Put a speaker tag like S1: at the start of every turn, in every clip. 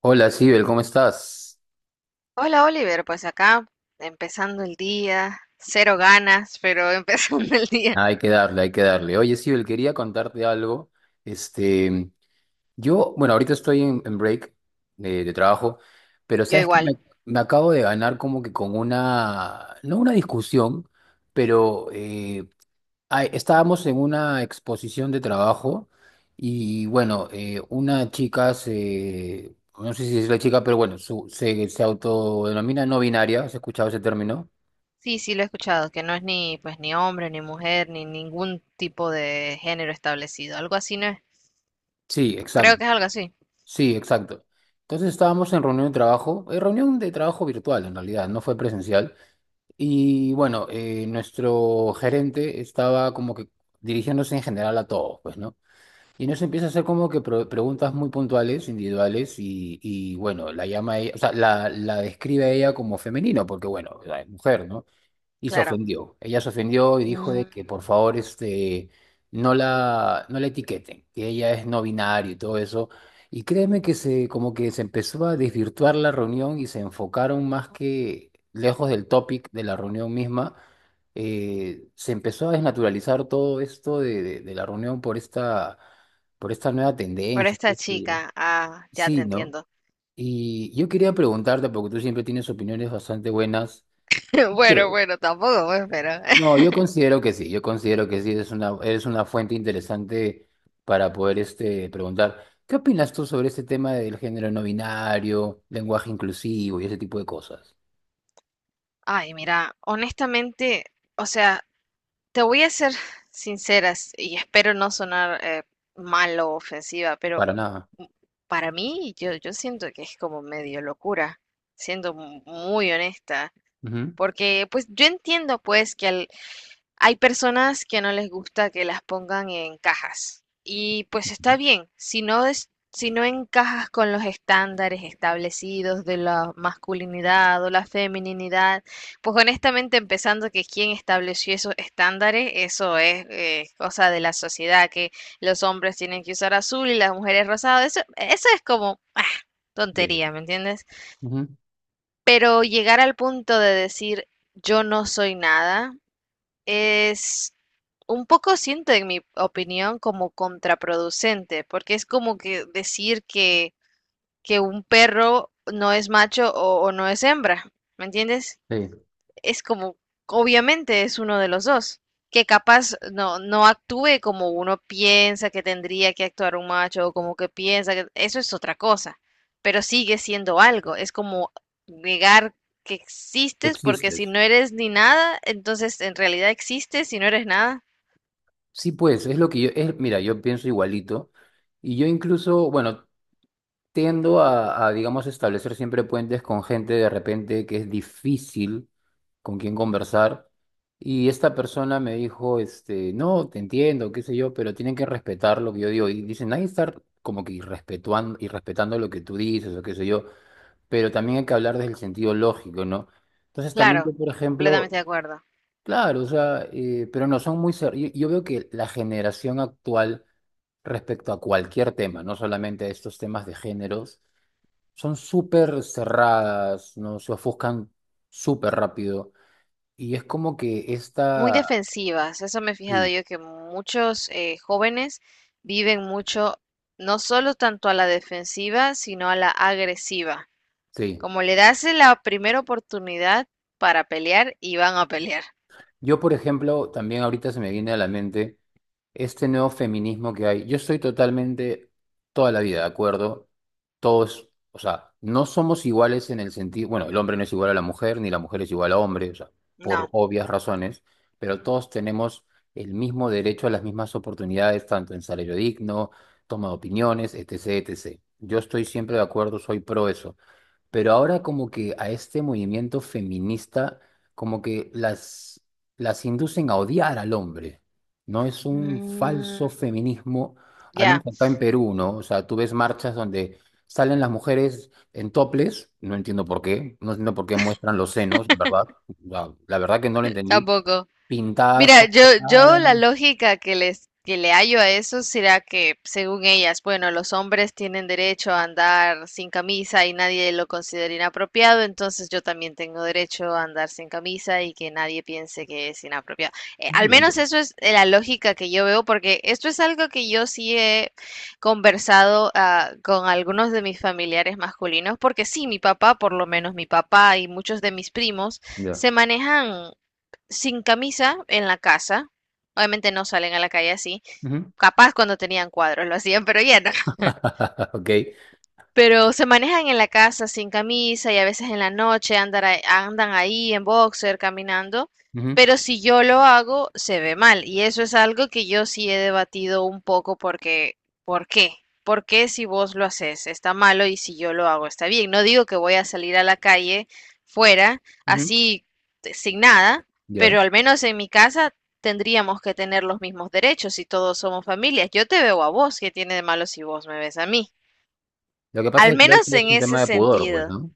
S1: Hola, Sibel, ¿cómo estás?
S2: Hola Oliver, pues acá empezando el día, cero ganas, pero empezando el día.
S1: Hay que darle, hay que darle. Oye, Sibel, quería contarte algo. Este, ahorita estoy en break de trabajo, pero
S2: Yo
S1: sabes
S2: igual.
S1: me acabo de ganar como que con una, no una discusión, pero estábamos en una exposición de trabajo y bueno, una chica no sé si es la chica, pero bueno, se autodenomina no binaria. ¿Has escuchado ese término?
S2: Sí, sí lo he escuchado, que no es ni pues ni hombre, ni mujer, ni ningún tipo de género establecido. Algo así, ¿no es?
S1: Sí,
S2: Creo
S1: exacto.
S2: que es algo así.
S1: Sí, exacto. Entonces estábamos en reunión de trabajo virtual en realidad, no fue presencial. Y bueno, nuestro gerente estaba como que dirigiéndose en general a todos, pues, ¿no? Y nos empieza a hacer como que preguntas muy puntuales, individuales, y bueno, la llama a ella, o sea, la describe a ella como femenino, porque bueno, o sea, es mujer, ¿no? Y se
S2: Claro.
S1: ofendió. Ella se ofendió y dijo de
S2: Mm,
S1: que por favor este, no la etiqueten, que ella es no binario y todo eso. Y créeme como que se empezó a desvirtuar la reunión y se enfocaron más que lejos del topic de la reunión misma. Se empezó a desnaturalizar todo esto de la reunión por esta nueva
S2: por
S1: tendencia, qué
S2: esta
S1: sé yo.
S2: chica, ah, ya te
S1: Sí, ¿no?
S2: entiendo.
S1: Y yo quería preguntarte, porque tú siempre tienes opiniones bastante buenas. ¿Crees?
S2: Bueno, bueno, tampoco, pues, pero.
S1: No, yo considero que sí, yo considero que sí, es una fuente interesante para poder este, preguntar, ¿qué opinas tú sobre este tema del género no binario, lenguaje inclusivo y ese tipo de cosas?
S2: Ay, mira, honestamente, o sea, te voy a ser sinceras y espero no sonar mal o ofensiva, pero
S1: Para nada.
S2: m- para mí yo, yo siento que es como medio locura, siendo muy honesta,
S1: Ujú.
S2: porque pues yo entiendo pues que hay personas que no les gusta que las pongan en cajas. Y pues
S1: Ujú.
S2: está bien, si no es, si no encajas con los estándares establecidos de la masculinidad o la femininidad, pues honestamente empezando que quien estableció esos estándares, eso es cosa de la sociedad, que los hombres tienen que usar azul y las mujeres rosado, eso es como ah,
S1: Sí.
S2: tontería, ¿me entiendes?
S1: Ujú.
S2: Pero llegar al punto de decir yo no soy nada, es un poco siento, en mi opinión, como contraproducente, porque es como que decir que un perro no es macho o no es hembra, ¿me entiendes?
S1: Sí.
S2: Es como, obviamente es uno de los dos, que capaz no, no actúe como uno piensa que tendría que actuar un macho o como que piensa que eso es otra cosa, pero sigue siendo algo, es como negar que existes porque si
S1: Existes.
S2: no eres ni nada, entonces en realidad existes y no eres nada.
S1: Sí, pues, es lo que yo, es, mira, yo pienso igualito y yo incluso, bueno, tiendo a, digamos, establecer siempre puentes con gente de repente que es difícil con quien conversar. Y esta persona me dijo, este, no, te entiendo, qué sé yo, pero tienen que respetar lo que yo digo. Y dicen, hay que estar como que irrespetuando, irrespetando lo que tú dices o qué sé yo, pero también hay que hablar desde el sentido lógico, ¿no? Entonces también yo,
S2: Claro,
S1: por
S2: completamente
S1: ejemplo,
S2: de acuerdo.
S1: claro, o sea, pero no son muy... yo veo que la generación actual respecto a cualquier tema, no solamente a estos temas de géneros, son súper cerradas, ¿no? Se ofuscan súper rápido. Y es como que
S2: Muy
S1: esta...
S2: defensivas, eso me he fijado
S1: Sí,
S2: yo que muchos jóvenes viven mucho, no solo tanto a la defensiva, sino a la agresiva.
S1: sí.
S2: Como le das la primera oportunidad para pelear y van a pelear.
S1: Yo, por ejemplo, también ahorita se me viene a la mente este nuevo feminismo que hay. Yo estoy totalmente, toda la vida, ¿de acuerdo? Todos, o sea, no somos iguales en el sentido, bueno, el hombre no es igual a la mujer, ni la mujer es igual a hombre, o sea, por
S2: No.
S1: obvias razones, pero todos tenemos el mismo derecho a las mismas oportunidades, tanto en salario digno, toma de opiniones, etcétera, etcétera. Yo estoy siempre de acuerdo, soy pro eso. Pero ahora como que a este movimiento feminista como que las inducen a odiar al hombre, ¿no? Es un falso
S2: Mm,
S1: feminismo, al menos
S2: ya,
S1: acá en Perú, ¿no? O sea, tú ves marchas donde salen las mujeres en toples, no entiendo por qué, no entiendo por qué muestran los senos, ¿verdad? La verdad que no lo entendí,
S2: tampoco.
S1: pintadas
S2: Mira,
S1: con
S2: yo,
S1: la
S2: yo
S1: cara,
S2: la lógica que les que le hallo a eso será que, según ellas, bueno, los hombres tienen derecho a andar sin camisa y nadie lo considera inapropiado, entonces yo también tengo derecho a andar sin camisa y que nadie piense que es inapropiado. Al menos eso es la lógica que yo veo, porque esto es algo que yo sí he conversado ah, con algunos de mis familiares masculinos, porque sí, mi papá, por lo menos mi papá y muchos de mis primos,
S1: ya.
S2: se manejan sin camisa en la casa. Obviamente no salen a la calle así.
S1: Ujú.
S2: Capaz cuando tenían cuadros lo hacían, pero ya no.
S1: Ok.
S2: Pero se manejan en la casa sin camisa y a veces en la noche andan, andan ahí en boxer caminando.
S1: Ujú,
S2: Pero si yo lo hago, se ve mal. Y eso es algo que yo sí he debatido un poco porque, ¿por qué? ¿Por qué si vos lo haces está malo y si yo lo hago está bien? No digo que voy a salir a la calle fuera
S1: ujú,
S2: así sin nada,
S1: ya.
S2: pero al menos en mi casa tendríamos que tener los mismos derechos si todos somos familias. Yo te veo a vos, ¿qué tiene de malo si vos me ves a mí?
S1: Lo que pasa
S2: Al
S1: es que creo
S2: menos
S1: que
S2: en
S1: es un
S2: ese
S1: tema de pudor, pues,
S2: sentido.
S1: ¿no?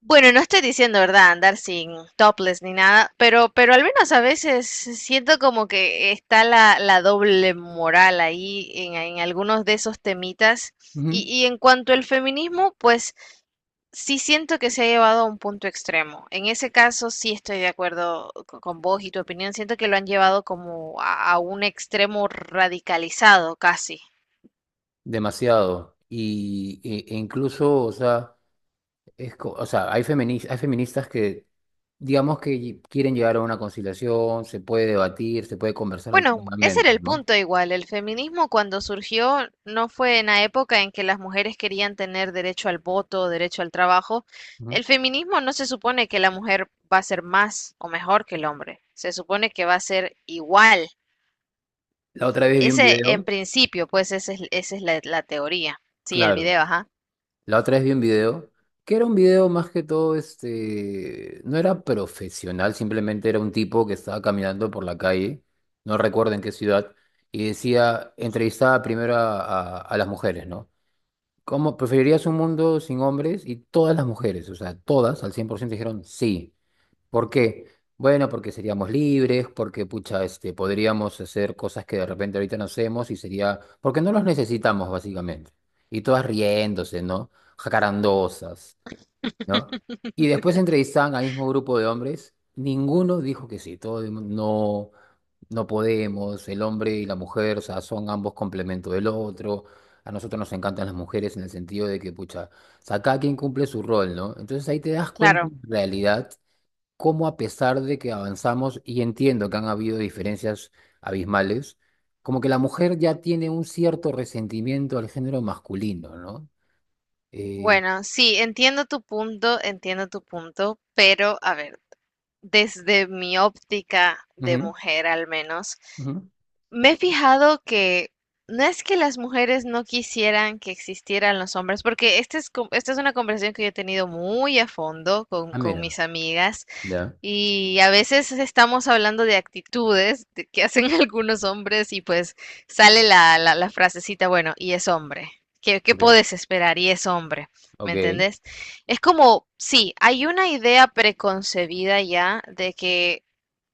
S2: Bueno, no estoy diciendo, ¿verdad?, andar sin topless ni nada, pero al menos a veces siento como que está la, la doble moral ahí en algunos de esos temitas.
S1: Ujú.
S2: Y en cuanto al feminismo, pues sí siento que se ha llevado a un punto extremo. En ese caso sí estoy de acuerdo con vos y tu opinión. Siento que lo han llevado como a un extremo radicalizado casi.
S1: Demasiado. Y, e incluso, o sea, o sea, hay feministas que, digamos quieren llegar a una conciliación, se puede debatir, se puede conversar
S2: Bueno, ese era
S1: alternadamente,
S2: el
S1: ¿no?
S2: punto igual. El feminismo cuando surgió no fue en la época en que las mujeres querían tener derecho al voto, derecho al trabajo.
S1: Ujú.
S2: El feminismo no se supone que la mujer va a ser más o mejor que el hombre. Se supone que va a ser igual.
S1: La otra vez vi un
S2: Ese, en
S1: video,
S2: principio, pues esa es la, la teoría. Sí, el
S1: claro,
S2: video, ajá.
S1: la otra vez vi un video, que era un video más que todo, este, no era profesional, simplemente era un tipo que estaba caminando por la calle, no recuerdo en qué ciudad, y decía, entrevistaba primero a las mujeres, ¿no? ¿Cómo preferirías un mundo sin hombres? Y todas las mujeres, o sea, todas al 100% dijeron sí. ¿Por qué? Bueno, porque seríamos libres, porque pucha, este, podríamos hacer cosas que de repente ahorita no hacemos y sería, porque no los necesitamos básicamente. Y todas riéndose, ¿no? Jacarandosas, ¿no? Y después entrevistaban al mismo grupo de hombres, ninguno dijo que sí, todo el mundo, no, no podemos, el hombre y la mujer, o sea, son ambos complemento del otro. A nosotros nos encantan las mujeres en el sentido de que, pucha, o sea, cada quien cumple su rol, ¿no? Entonces ahí te das cuenta
S2: Claro.
S1: en realidad cómo a pesar de que avanzamos, y entiendo que han habido diferencias abismales, como que la mujer ya tiene un cierto resentimiento al género masculino, ¿no? Eh,
S2: Bueno, sí, entiendo tu punto, pero a ver, desde mi óptica de
S1: ujú,
S2: mujer al menos.
S1: ujú.
S2: Me he fijado que no es que las mujeres no quisieran que existieran los hombres, porque esta es, esta es una conversación que yo he tenido muy a fondo
S1: Ah,
S2: con
S1: mira,
S2: mis amigas
S1: ya,
S2: y a veces estamos hablando de actitudes que hacen algunos hombres y pues sale la, la, la frasecita, bueno, y es hombre. ¿Qué, qué
S1: ok,
S2: puedes esperar? Y es hombre. ¿Me
S1: ok.
S2: entendés? Es como, sí, hay una idea preconcebida ya de que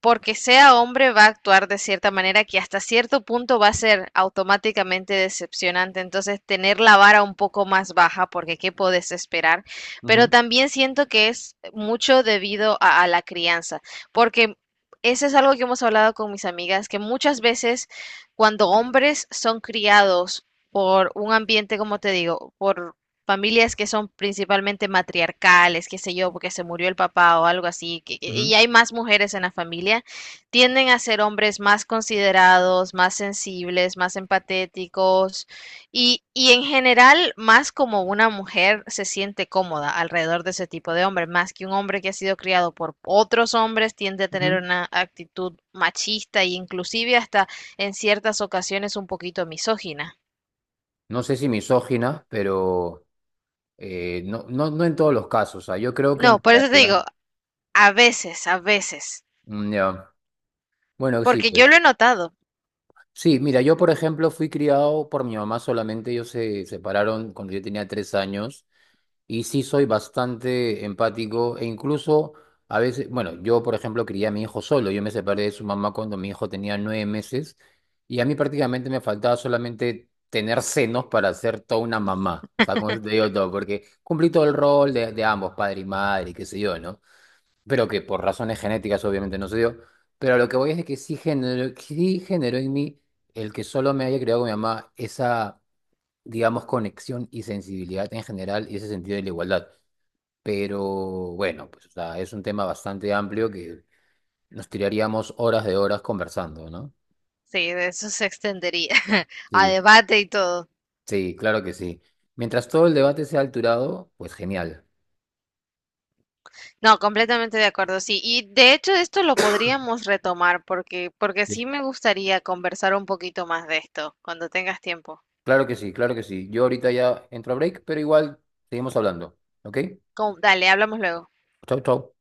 S2: porque sea hombre va a actuar de cierta manera que hasta cierto punto va a ser automáticamente decepcionante. Entonces, tener la vara un poco más baja, porque qué podés esperar. Pero
S1: Ujú,
S2: también siento que es mucho debido a la crianza, porque eso es algo que hemos hablado con mis amigas, que muchas veces cuando hombres son criados por un ambiente, como te digo, por familias que son principalmente matriarcales, qué sé yo, porque se murió el papá o algo así, y
S1: ujú,
S2: hay más mujeres en la familia, tienden a ser hombres más considerados, más sensibles, más empatéticos y en general más como una mujer se siente cómoda alrededor de ese tipo de hombre, más que un hombre que ha sido criado por otros hombres, tiende a tener
S1: ujú.
S2: una actitud machista e inclusive hasta en ciertas ocasiones un poquito misógina.
S1: No sé si misógina, pero... no en todos los casos, o sea, yo creo que
S2: No,
S1: en
S2: por eso te
S1: realidad,
S2: digo, a veces, a veces.
S1: mm, ya. Bueno, sí,
S2: Porque yo
S1: pues.
S2: lo he notado.
S1: Sí, mira, yo por ejemplo fui criado por mi mamá solamente, ellos se separaron cuando yo tenía 3 años y sí soy bastante empático e incluso a veces, bueno, yo por ejemplo crié a mi hijo solo, yo me separé de su mamá cuando mi hijo tenía 9 meses y a mí prácticamente me faltaba solamente tener senos para ser toda una mamá, o sea, con eso te digo todo, porque cumplí todo el rol de ambos, padre y madre, qué sé yo, ¿no? Pero que por razones genéticas obviamente no se dio. Pero a lo que voy es de que sí generó en mí el que solo me haya creado con mi mamá esa, digamos, conexión y sensibilidad en general y ese sentido de la igualdad. Pero bueno, pues o sea, es un tema bastante amplio que nos tiraríamos horas de horas conversando, ¿no?
S2: Sí, de eso se extendería a
S1: Sí,
S2: debate y todo.
S1: sí, claro que sí. Mientras todo el debate sea alturado, pues genial.
S2: No, completamente de acuerdo, sí. Y de hecho esto lo podríamos retomar porque, porque
S1: Sí.
S2: sí me gustaría conversar un poquito más de esto cuando tengas tiempo.
S1: Claro que sí, claro que sí. Yo ahorita ya entro a break, pero igual seguimos hablando, ¿ok?
S2: Dale, hablamos luego.
S1: Chau, chau.